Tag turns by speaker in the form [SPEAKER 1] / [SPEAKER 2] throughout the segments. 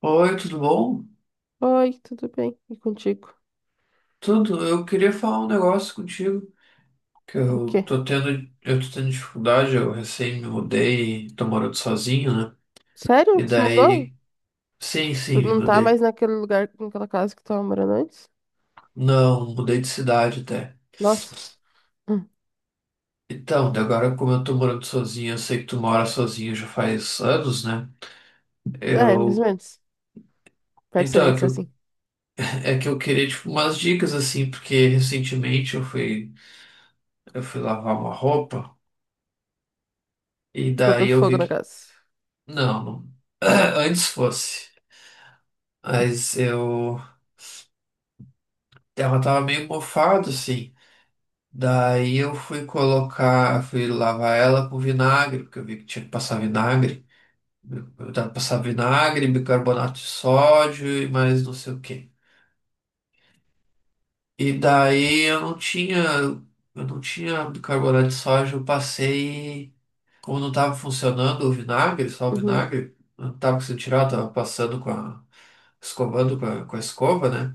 [SPEAKER 1] Oi, tudo bom?
[SPEAKER 2] Oi, tudo bem? E contigo?
[SPEAKER 1] Tudo. Eu queria falar um negócio contigo, que
[SPEAKER 2] O
[SPEAKER 1] eu
[SPEAKER 2] quê?
[SPEAKER 1] tô tendo, eu tô tendo dificuldade, eu recém me mudei, tô morando sozinho, né?
[SPEAKER 2] Sério?
[SPEAKER 1] E
[SPEAKER 2] Tu se mudou?
[SPEAKER 1] daí, sim,
[SPEAKER 2] Tu
[SPEAKER 1] sim, me
[SPEAKER 2] não tá mais
[SPEAKER 1] mudei.
[SPEAKER 2] naquele lugar, naquela casa que tu tava morando antes?
[SPEAKER 1] Não, mudei de cidade até.
[SPEAKER 2] Nossa. Hum.
[SPEAKER 1] Então, daí agora como eu tô morando sozinho, eu sei que tu mora sozinho já faz anos, né?
[SPEAKER 2] É, mais ou
[SPEAKER 1] Eu,
[SPEAKER 2] menos.
[SPEAKER 1] então, é
[SPEAKER 2] Percebente
[SPEAKER 1] que eu,
[SPEAKER 2] assim.
[SPEAKER 1] é que eu queria, tipo, umas dicas, assim, porque recentemente eu fui lavar uma roupa, e
[SPEAKER 2] Botou
[SPEAKER 1] daí eu
[SPEAKER 2] fogo
[SPEAKER 1] vi
[SPEAKER 2] na
[SPEAKER 1] que,
[SPEAKER 2] casa.
[SPEAKER 1] não, não. Antes fosse. Mas eu. Ela tava meio mofado, assim. Daí eu fui colocar, fui lavar ela com vinagre, porque eu vi que tinha que passar vinagre. Eu tava passando vinagre, bicarbonato de sódio e mais não sei o quê. E daí eu não tinha bicarbonato de sódio, eu passei, como não tava funcionando o vinagre, só o
[SPEAKER 2] Uhum.
[SPEAKER 1] vinagre, eu não tava conseguindo tirar, eu tava passando com a, escovando com a escova, né?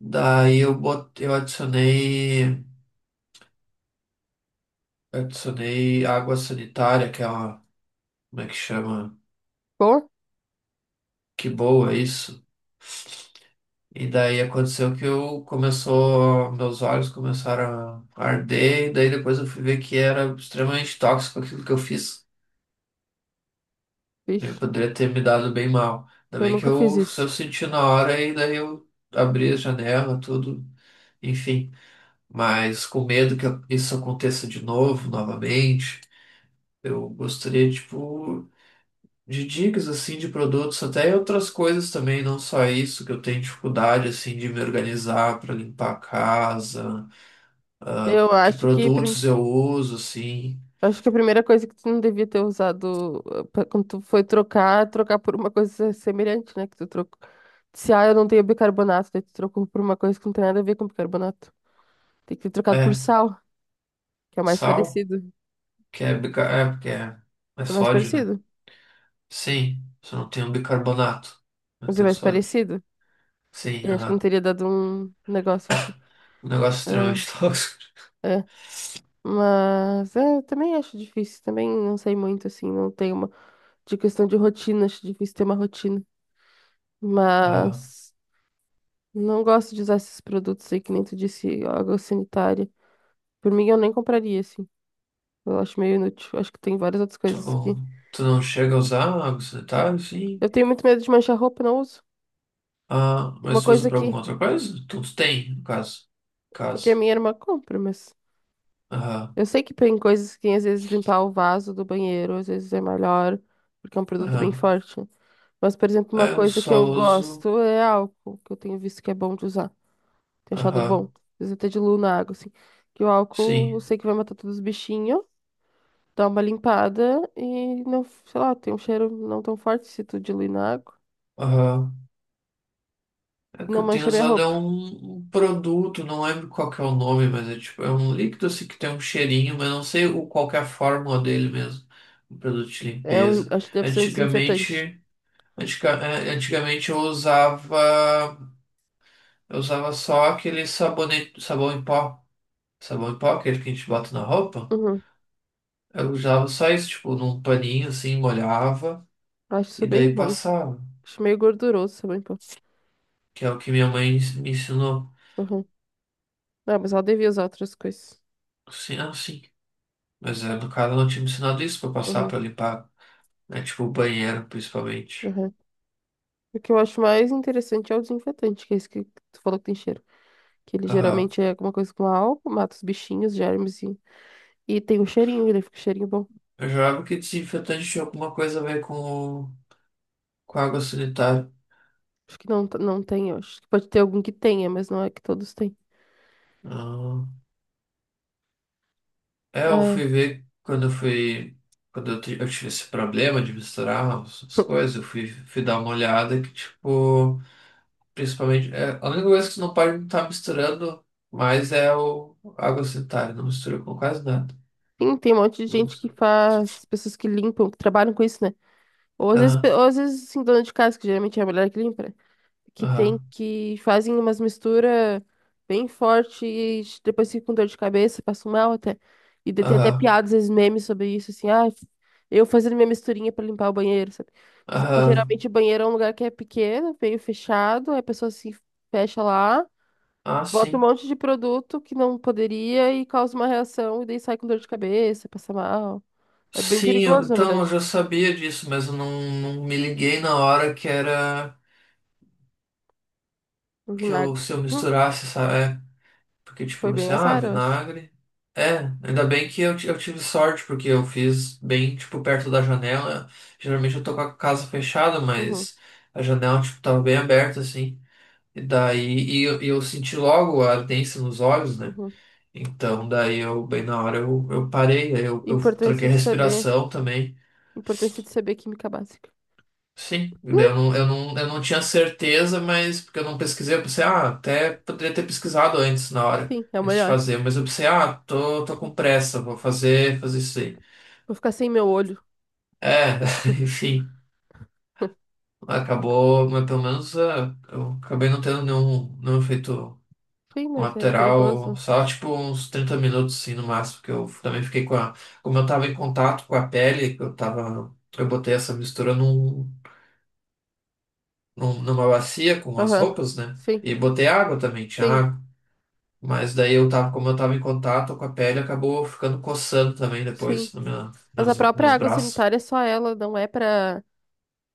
[SPEAKER 1] Daí eu botei, eu adicionei. Eu adicionei água sanitária, que é uma. Como é que chama?
[SPEAKER 2] Bom?
[SPEAKER 1] Que boa é isso. E daí aconteceu que eu começou, meus olhos começaram a arder, e daí depois eu fui ver que era extremamente tóxico aquilo que eu fiz. Eu
[SPEAKER 2] Vixe,
[SPEAKER 1] poderia ter me dado bem mal. Ainda
[SPEAKER 2] eu
[SPEAKER 1] bem que
[SPEAKER 2] nunca fiz
[SPEAKER 1] eu, se eu
[SPEAKER 2] isso.
[SPEAKER 1] senti na hora, e daí eu abri a janela, tudo, enfim. Mas com medo que isso aconteça de novo, novamente, eu gostaria, tipo. De dicas assim de produtos, até outras coisas também, não só isso, que eu tenho dificuldade assim de me organizar para limpar a casa, ah,
[SPEAKER 2] Eu
[SPEAKER 1] que
[SPEAKER 2] acho que, prim...
[SPEAKER 1] produtos eu uso assim.
[SPEAKER 2] acho que a primeira coisa que tu não devia ter usado pra- quando tu foi trocar, é trocar por uma coisa semelhante, né? Que tu trocou. Se, ah, eu não tenho bicarbonato, daí tu trocou por uma coisa que não tem nada a ver com bicarbonato. Tem que ter trocado por
[SPEAKER 1] É,
[SPEAKER 2] sal, que é mais
[SPEAKER 1] sal,
[SPEAKER 2] parecido.
[SPEAKER 1] que é, bica- é porque é, é
[SPEAKER 2] É mais
[SPEAKER 1] sódio, né?
[SPEAKER 2] parecido.
[SPEAKER 1] Sim, só não tem o bicarbonato, mas
[SPEAKER 2] Mas é
[SPEAKER 1] tem o
[SPEAKER 2] mais
[SPEAKER 1] sódio.
[SPEAKER 2] parecido.
[SPEAKER 1] Sim,
[SPEAKER 2] E acho que não
[SPEAKER 1] aham.
[SPEAKER 2] teria dado um negócio em tipo.
[SPEAKER 1] Um negócio
[SPEAKER 2] É,
[SPEAKER 1] extremamente tóxico.
[SPEAKER 2] é. Mas é, eu também acho difícil. Também não sei muito, assim. Não tenho uma. De questão de rotina, acho difícil ter uma rotina.
[SPEAKER 1] Ah,
[SPEAKER 2] Mas não gosto de usar esses produtos aí, que nem tu disse, água sanitária. Por mim, eu nem compraria, assim. Eu acho meio inútil. Acho que tem várias outras coisas que.
[SPEAKER 1] tu, tu não chega a usar água sanitária, sim.
[SPEAKER 2] Eu tenho muito medo de manchar roupa, não uso.
[SPEAKER 1] Ah,
[SPEAKER 2] Uma
[SPEAKER 1] mas tu usa
[SPEAKER 2] coisa
[SPEAKER 1] para alguma
[SPEAKER 2] que.
[SPEAKER 1] outra coisa? Tu tem, no caso.
[SPEAKER 2] Porque a
[SPEAKER 1] Caso.
[SPEAKER 2] minha irmã compra, mas. Eu sei que tem coisas que às vezes limpar o vaso do banheiro, às vezes é melhor, porque é um produto bem
[SPEAKER 1] Aham.
[SPEAKER 2] forte. Mas, por exemplo,
[SPEAKER 1] Ah,
[SPEAKER 2] uma
[SPEAKER 1] eu
[SPEAKER 2] coisa que
[SPEAKER 1] só
[SPEAKER 2] eu
[SPEAKER 1] uso.
[SPEAKER 2] gosto é álcool, que eu tenho visto que é bom de usar. Tenho achado bom.
[SPEAKER 1] Aham.
[SPEAKER 2] Às vezes até diluo na água, assim. Que o álcool, eu
[SPEAKER 1] Sim.
[SPEAKER 2] sei que vai matar todos os bichinhos, dá uma limpada e não, sei lá, tem um cheiro não tão forte se tu diluir na água.
[SPEAKER 1] Aham. É que
[SPEAKER 2] Não
[SPEAKER 1] eu tenho
[SPEAKER 2] mancha minha
[SPEAKER 1] usado é
[SPEAKER 2] roupa.
[SPEAKER 1] um produto, não lembro qual que é o nome, mas é tipo, é um líquido assim que tem um cheirinho, mas não sei o, qual que é a fórmula dele mesmo. Um produto de
[SPEAKER 2] É um,
[SPEAKER 1] limpeza.
[SPEAKER 2] acho que deve ser um desinfetante.
[SPEAKER 1] Antigamente. Antica- é, antigamente eu usava. Eu usava só aquele sabonete, sabão em pó. Sabão em pó, aquele que a gente bota na roupa.
[SPEAKER 2] Uhum.
[SPEAKER 1] Eu usava só isso, tipo, num paninho assim, molhava
[SPEAKER 2] Acho isso
[SPEAKER 1] e
[SPEAKER 2] bem
[SPEAKER 1] daí
[SPEAKER 2] ruim.
[SPEAKER 1] passava.
[SPEAKER 2] Acho meio gorduroso essa limpa.
[SPEAKER 1] Que é o que minha mãe me ensinou.
[SPEAKER 2] Uhum. Não, mas ela devia usar outras coisas.
[SPEAKER 1] Sim, ah, sim. Mas é, no caso, ela não tinha me ensinado isso pra passar
[SPEAKER 2] Uhum.
[SPEAKER 1] pra limpar, né? Tipo o banheiro, principalmente.
[SPEAKER 2] Uhum. O que eu acho mais interessante é o desinfetante, que é esse que tu falou que tem cheiro. Que ele
[SPEAKER 1] Aham.
[SPEAKER 2] geralmente é alguma coisa com álcool, mata os bichinhos, germes e tem um cheirinho, ele fica um cheirinho bom.
[SPEAKER 1] Eu jurava que desinfetante tinha alguma coisa a ver com água sanitária.
[SPEAKER 2] Acho que não, não tem, eu acho que pode ter algum que tenha, mas não é que todos têm.
[SPEAKER 1] Ah. É, eu
[SPEAKER 2] É.
[SPEAKER 1] fui ver quando eu fui. Quando eu, ti- eu tive esse problema de misturar as, as coisas, eu fui, fui dar uma olhada que, tipo, principalmente. É, a única coisa que você não pode estar misturando mais é o água sanitária, não mistura com quase nada.
[SPEAKER 2] Sim, tem um monte de
[SPEAKER 1] Não
[SPEAKER 2] gente que
[SPEAKER 1] mistura.
[SPEAKER 2] faz, pessoas que limpam, que trabalham com isso, né? Ou às vezes, pe-
[SPEAKER 1] Aham.
[SPEAKER 2] ou às vezes assim, dona de casa, que geralmente é a mulher que limpa. Né? Que tem
[SPEAKER 1] Aham,
[SPEAKER 2] que fazem umas misturas bem fortes, depois fica com dor de cabeça, passo mal até. E daí tem até
[SPEAKER 1] aham,
[SPEAKER 2] piadas, esses memes sobre isso, assim, ah, eu fazendo minha misturinha pra limpar o banheiro, sabe? Mas é porque
[SPEAKER 1] aham.
[SPEAKER 2] geralmente o banheiro é um lugar que é pequeno, meio fechado, aí a pessoa se fecha lá,
[SPEAKER 1] Ah,
[SPEAKER 2] bota um
[SPEAKER 1] sim.
[SPEAKER 2] monte de produto que não poderia e causa uma reação, e daí sai com dor de cabeça, passa mal. É bem
[SPEAKER 1] Sim, eu-
[SPEAKER 2] perigoso, na
[SPEAKER 1] então eu
[SPEAKER 2] verdade,
[SPEAKER 1] já sabia disso, mas eu não, não me liguei na hora que era
[SPEAKER 2] o
[SPEAKER 1] que eu,
[SPEAKER 2] vinagre.
[SPEAKER 1] se eu
[SPEAKER 2] Hum,
[SPEAKER 1] misturasse, sabe? É, porque tipo,
[SPEAKER 2] foi bem
[SPEAKER 1] você, ah,
[SPEAKER 2] azar, eu acho.
[SPEAKER 1] vinagre. É, ainda bem que eu, ti- eu tive sorte, porque eu fiz bem, tipo, perto da janela. Geralmente eu tô com a casa fechada,
[SPEAKER 2] Uhum,
[SPEAKER 1] mas a janela, tipo, tava bem aberta, assim. E daí, e eu senti logo a ardência nos olhos, né?
[SPEAKER 2] uhum.
[SPEAKER 1] Então, daí eu, bem na hora, eu parei, aí eu
[SPEAKER 2] Importância
[SPEAKER 1] troquei a
[SPEAKER 2] de saber.
[SPEAKER 1] respiração também.
[SPEAKER 2] Importância de saber química básica.
[SPEAKER 1] Sim, daí eu não, eu não, eu não tinha certeza, mas porque eu não pesquisei, eu pensei, ah, até poderia ter pesquisado antes, na hora,
[SPEAKER 2] Sim, é o
[SPEAKER 1] antes de
[SPEAKER 2] melhor.
[SPEAKER 1] fazer, mas eu pensei, ah, tô com pressa, vou fazer, fazer isso aí.
[SPEAKER 2] Vou ficar sem meu olho.
[SPEAKER 1] É, enfim, acabou, mas pelo menos ah, eu acabei não tendo nenhum efeito
[SPEAKER 2] Sim,
[SPEAKER 1] com a
[SPEAKER 2] mas é
[SPEAKER 1] lateral,
[SPEAKER 2] perigoso.
[SPEAKER 1] só tipo uns 30 minutos assim no máximo, que eu também fiquei com a. Como eu tava em contato com a pele, que eu tava. Eu botei essa mistura num, num- numa bacia com as
[SPEAKER 2] Aham.
[SPEAKER 1] roupas, né?
[SPEAKER 2] Sim,
[SPEAKER 1] E botei água também, tinha
[SPEAKER 2] sim,
[SPEAKER 1] água. Mas daí eu tava, como eu tava em contato com a pele, acabou ficando coçando também
[SPEAKER 2] sim.
[SPEAKER 1] depois no meu,
[SPEAKER 2] Mas a
[SPEAKER 1] meus,
[SPEAKER 2] própria
[SPEAKER 1] meus
[SPEAKER 2] água
[SPEAKER 1] braços.
[SPEAKER 2] sanitária, só ela, não é pra.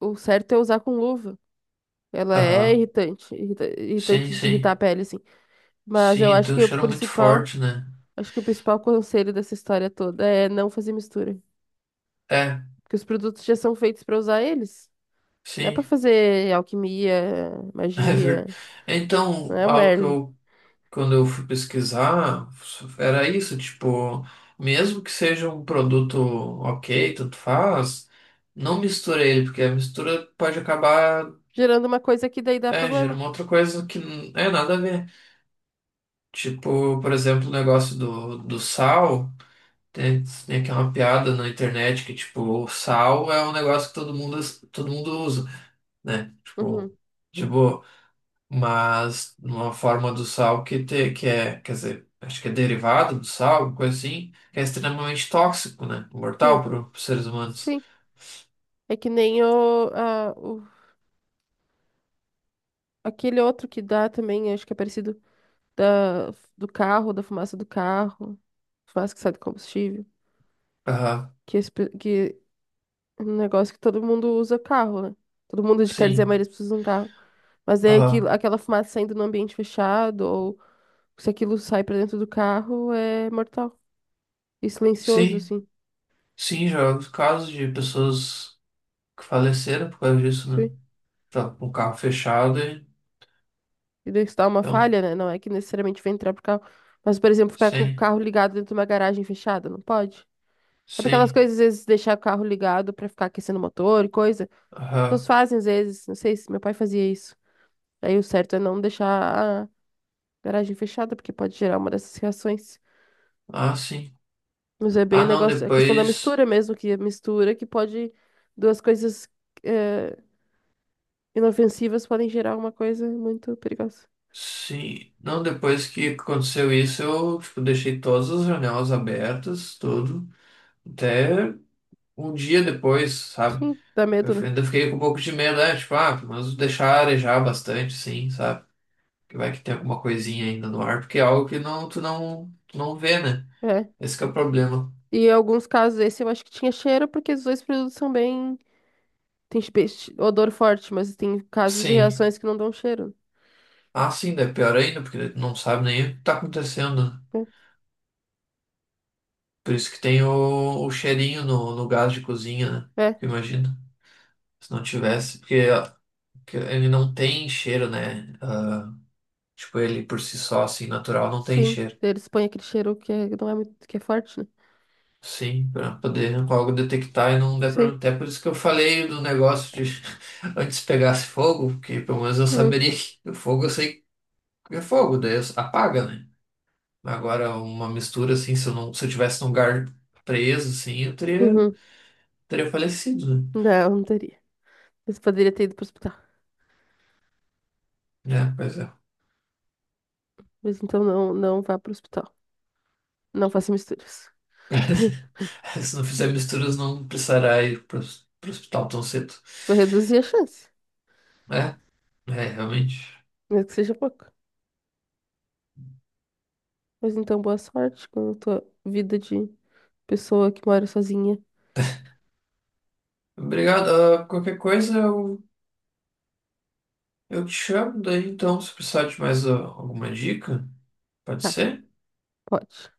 [SPEAKER 2] O certo é usar com luva. Ela é
[SPEAKER 1] Aham.
[SPEAKER 2] irritante, irrita-
[SPEAKER 1] Sim,
[SPEAKER 2] irritante de irritar a
[SPEAKER 1] sim.
[SPEAKER 2] pele, assim. Mas eu
[SPEAKER 1] Sim,
[SPEAKER 2] acho
[SPEAKER 1] tem um
[SPEAKER 2] que o
[SPEAKER 1] cheiro muito
[SPEAKER 2] principal,
[SPEAKER 1] forte, né?
[SPEAKER 2] acho que o principal conselho dessa história toda é não fazer mistura.
[SPEAKER 1] É,
[SPEAKER 2] Porque os produtos já são feitos pra usar eles. Não é pra
[SPEAKER 1] sim.
[SPEAKER 2] fazer alquimia,
[SPEAKER 1] É verdade.
[SPEAKER 2] magia, não
[SPEAKER 1] Então,
[SPEAKER 2] é o
[SPEAKER 1] algo que
[SPEAKER 2] Merlin.
[SPEAKER 1] eu quando eu fui pesquisar, era isso, tipo, mesmo que seja um produto ok, tanto faz, não mistura ele, porque a mistura pode acabar,
[SPEAKER 2] Gerando uma coisa que daí dá
[SPEAKER 1] é, gerando
[SPEAKER 2] problema.
[SPEAKER 1] uma outra coisa que não é nada a ver. Tipo, por exemplo, o negócio do sal, tem, tem aqui uma piada na internet que, tipo, o sal é um negócio que todo mundo usa, né? Tipo,
[SPEAKER 2] Uhum.
[SPEAKER 1] de boa. Mas uma forma do sal que, te, que é, quer dizer, acho que é derivado do sal, alguma coisa assim, que é extremamente tóxico, né? Mortal
[SPEAKER 2] Sim,
[SPEAKER 1] para os seres humanos.
[SPEAKER 2] sim. É que nem o, a- o- aquele outro que dá também, acho que é parecido da, do carro, da fumaça do carro, fumaça que sai do combustível,
[SPEAKER 1] Aham,
[SPEAKER 2] que, esse pe- que é um negócio que todo mundo usa carro, né? Todo mundo, quer dizer, a
[SPEAKER 1] sim.
[SPEAKER 2] maioria das pessoas usa um carro. Mas é aquilo,
[SPEAKER 1] Aham,
[SPEAKER 2] aquela fumaça saindo no ambiente fechado, ou se aquilo sai pra dentro do carro, é mortal. E silencioso,
[SPEAKER 1] sim.
[SPEAKER 2] assim.
[SPEAKER 1] Sim, já houve casos de pessoas que faleceram por causa disso, né? Tá com o carro fechado e.
[SPEAKER 2] Identificar uma
[SPEAKER 1] Então,
[SPEAKER 2] falha, né? Não é que necessariamente vai entrar pro carro. Mas, por exemplo, ficar com o
[SPEAKER 1] sim,
[SPEAKER 2] carro ligado dentro de uma garagem fechada, não pode? É pra aquelas
[SPEAKER 1] sim.
[SPEAKER 2] coisas, às vezes, deixar o carro ligado pra ficar aquecendo o motor e coisa. As pessoas
[SPEAKER 1] Aham,
[SPEAKER 2] fazem, às vezes, não sei se meu pai fazia isso. Aí o certo é não deixar a garagem fechada, porque pode gerar uma dessas reações.
[SPEAKER 1] ah, sim.
[SPEAKER 2] Mas é bem
[SPEAKER 1] Ah,
[SPEAKER 2] o
[SPEAKER 1] não,
[SPEAKER 2] negócio, a questão da
[SPEAKER 1] depois.
[SPEAKER 2] mistura mesmo, que a mistura que pode, duas coisas eh, inofensivas podem gerar uma coisa muito perigosa.
[SPEAKER 1] Sim, não, depois que aconteceu isso, eu, tipo, deixei todas as janelas abertas, tudo. Até um dia depois, sabe?
[SPEAKER 2] Sim, dá
[SPEAKER 1] Eu
[SPEAKER 2] medo, né?
[SPEAKER 1] ainda fiquei com um pouco de medo, né? Tipo, ah, mas deixar arejar bastante, sim, sabe? Que vai que tem alguma coisinha ainda no ar, porque é algo que não, tu não vê, né?
[SPEAKER 2] É.
[SPEAKER 1] Esse que é o problema.
[SPEAKER 2] E em alguns casos esse eu acho que tinha cheiro, porque os dois produtos são bem. Tem espe- odor forte, mas tem casos de
[SPEAKER 1] Sim.
[SPEAKER 2] reações que não dão cheiro.
[SPEAKER 1] Ah, sim, daí é pior ainda, porque tu não sabe nem o que tá acontecendo. Né? Por isso que tem o cheirinho no, no gás de cozinha, né?
[SPEAKER 2] É, é,
[SPEAKER 1] Imagina, se não tivesse, porque, porque ele não tem cheiro, né? Ah, tipo, ele por si só, assim, natural, não tem
[SPEAKER 2] sim.
[SPEAKER 1] cheiro.
[SPEAKER 2] Eles põem aquele cheiro que é- não é muito, que é forte, né?
[SPEAKER 1] Sim, para poder logo detectar e não der
[SPEAKER 2] Sim.
[SPEAKER 1] problema. Até por isso que eu falei do negócio de antes pegasse fogo, porque pelo menos eu
[SPEAKER 2] Hum,
[SPEAKER 1] saberia que o fogo eu sei que é fogo, daí eu- apaga, né? Agora, uma mistura assim, se eu não, se eu tivesse num lugar preso, assim, eu teria,
[SPEAKER 2] uhum.
[SPEAKER 1] teria falecido, né?
[SPEAKER 2] Não, não teria. Mas poderia ter ido pro hospital.
[SPEAKER 1] É, pois é.
[SPEAKER 2] Mas então não, não vá pro hospital. Não faça misturas.
[SPEAKER 1] Se não fizer misturas, não precisará ir para o hospital tão cedo.
[SPEAKER 2] Vou reduzir a chance,
[SPEAKER 1] É, é, realmente.
[SPEAKER 2] mesmo que seja pouco. Mas então boa sorte com a tua vida de pessoa que mora sozinha.
[SPEAKER 1] Obrigado. Ah, qualquer coisa, eu te chamo daí então, se precisar de mais ah, alguma dica, pode
[SPEAKER 2] Tá,
[SPEAKER 1] ser?
[SPEAKER 2] pode.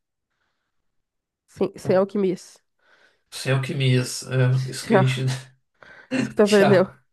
[SPEAKER 2] Sem, sem
[SPEAKER 1] Então,
[SPEAKER 2] alquimias.
[SPEAKER 1] sem alquimias, é, isso que a
[SPEAKER 2] Tchau.
[SPEAKER 1] gente.
[SPEAKER 2] Isso que tu
[SPEAKER 1] Tchau.
[SPEAKER 2] aprendeu.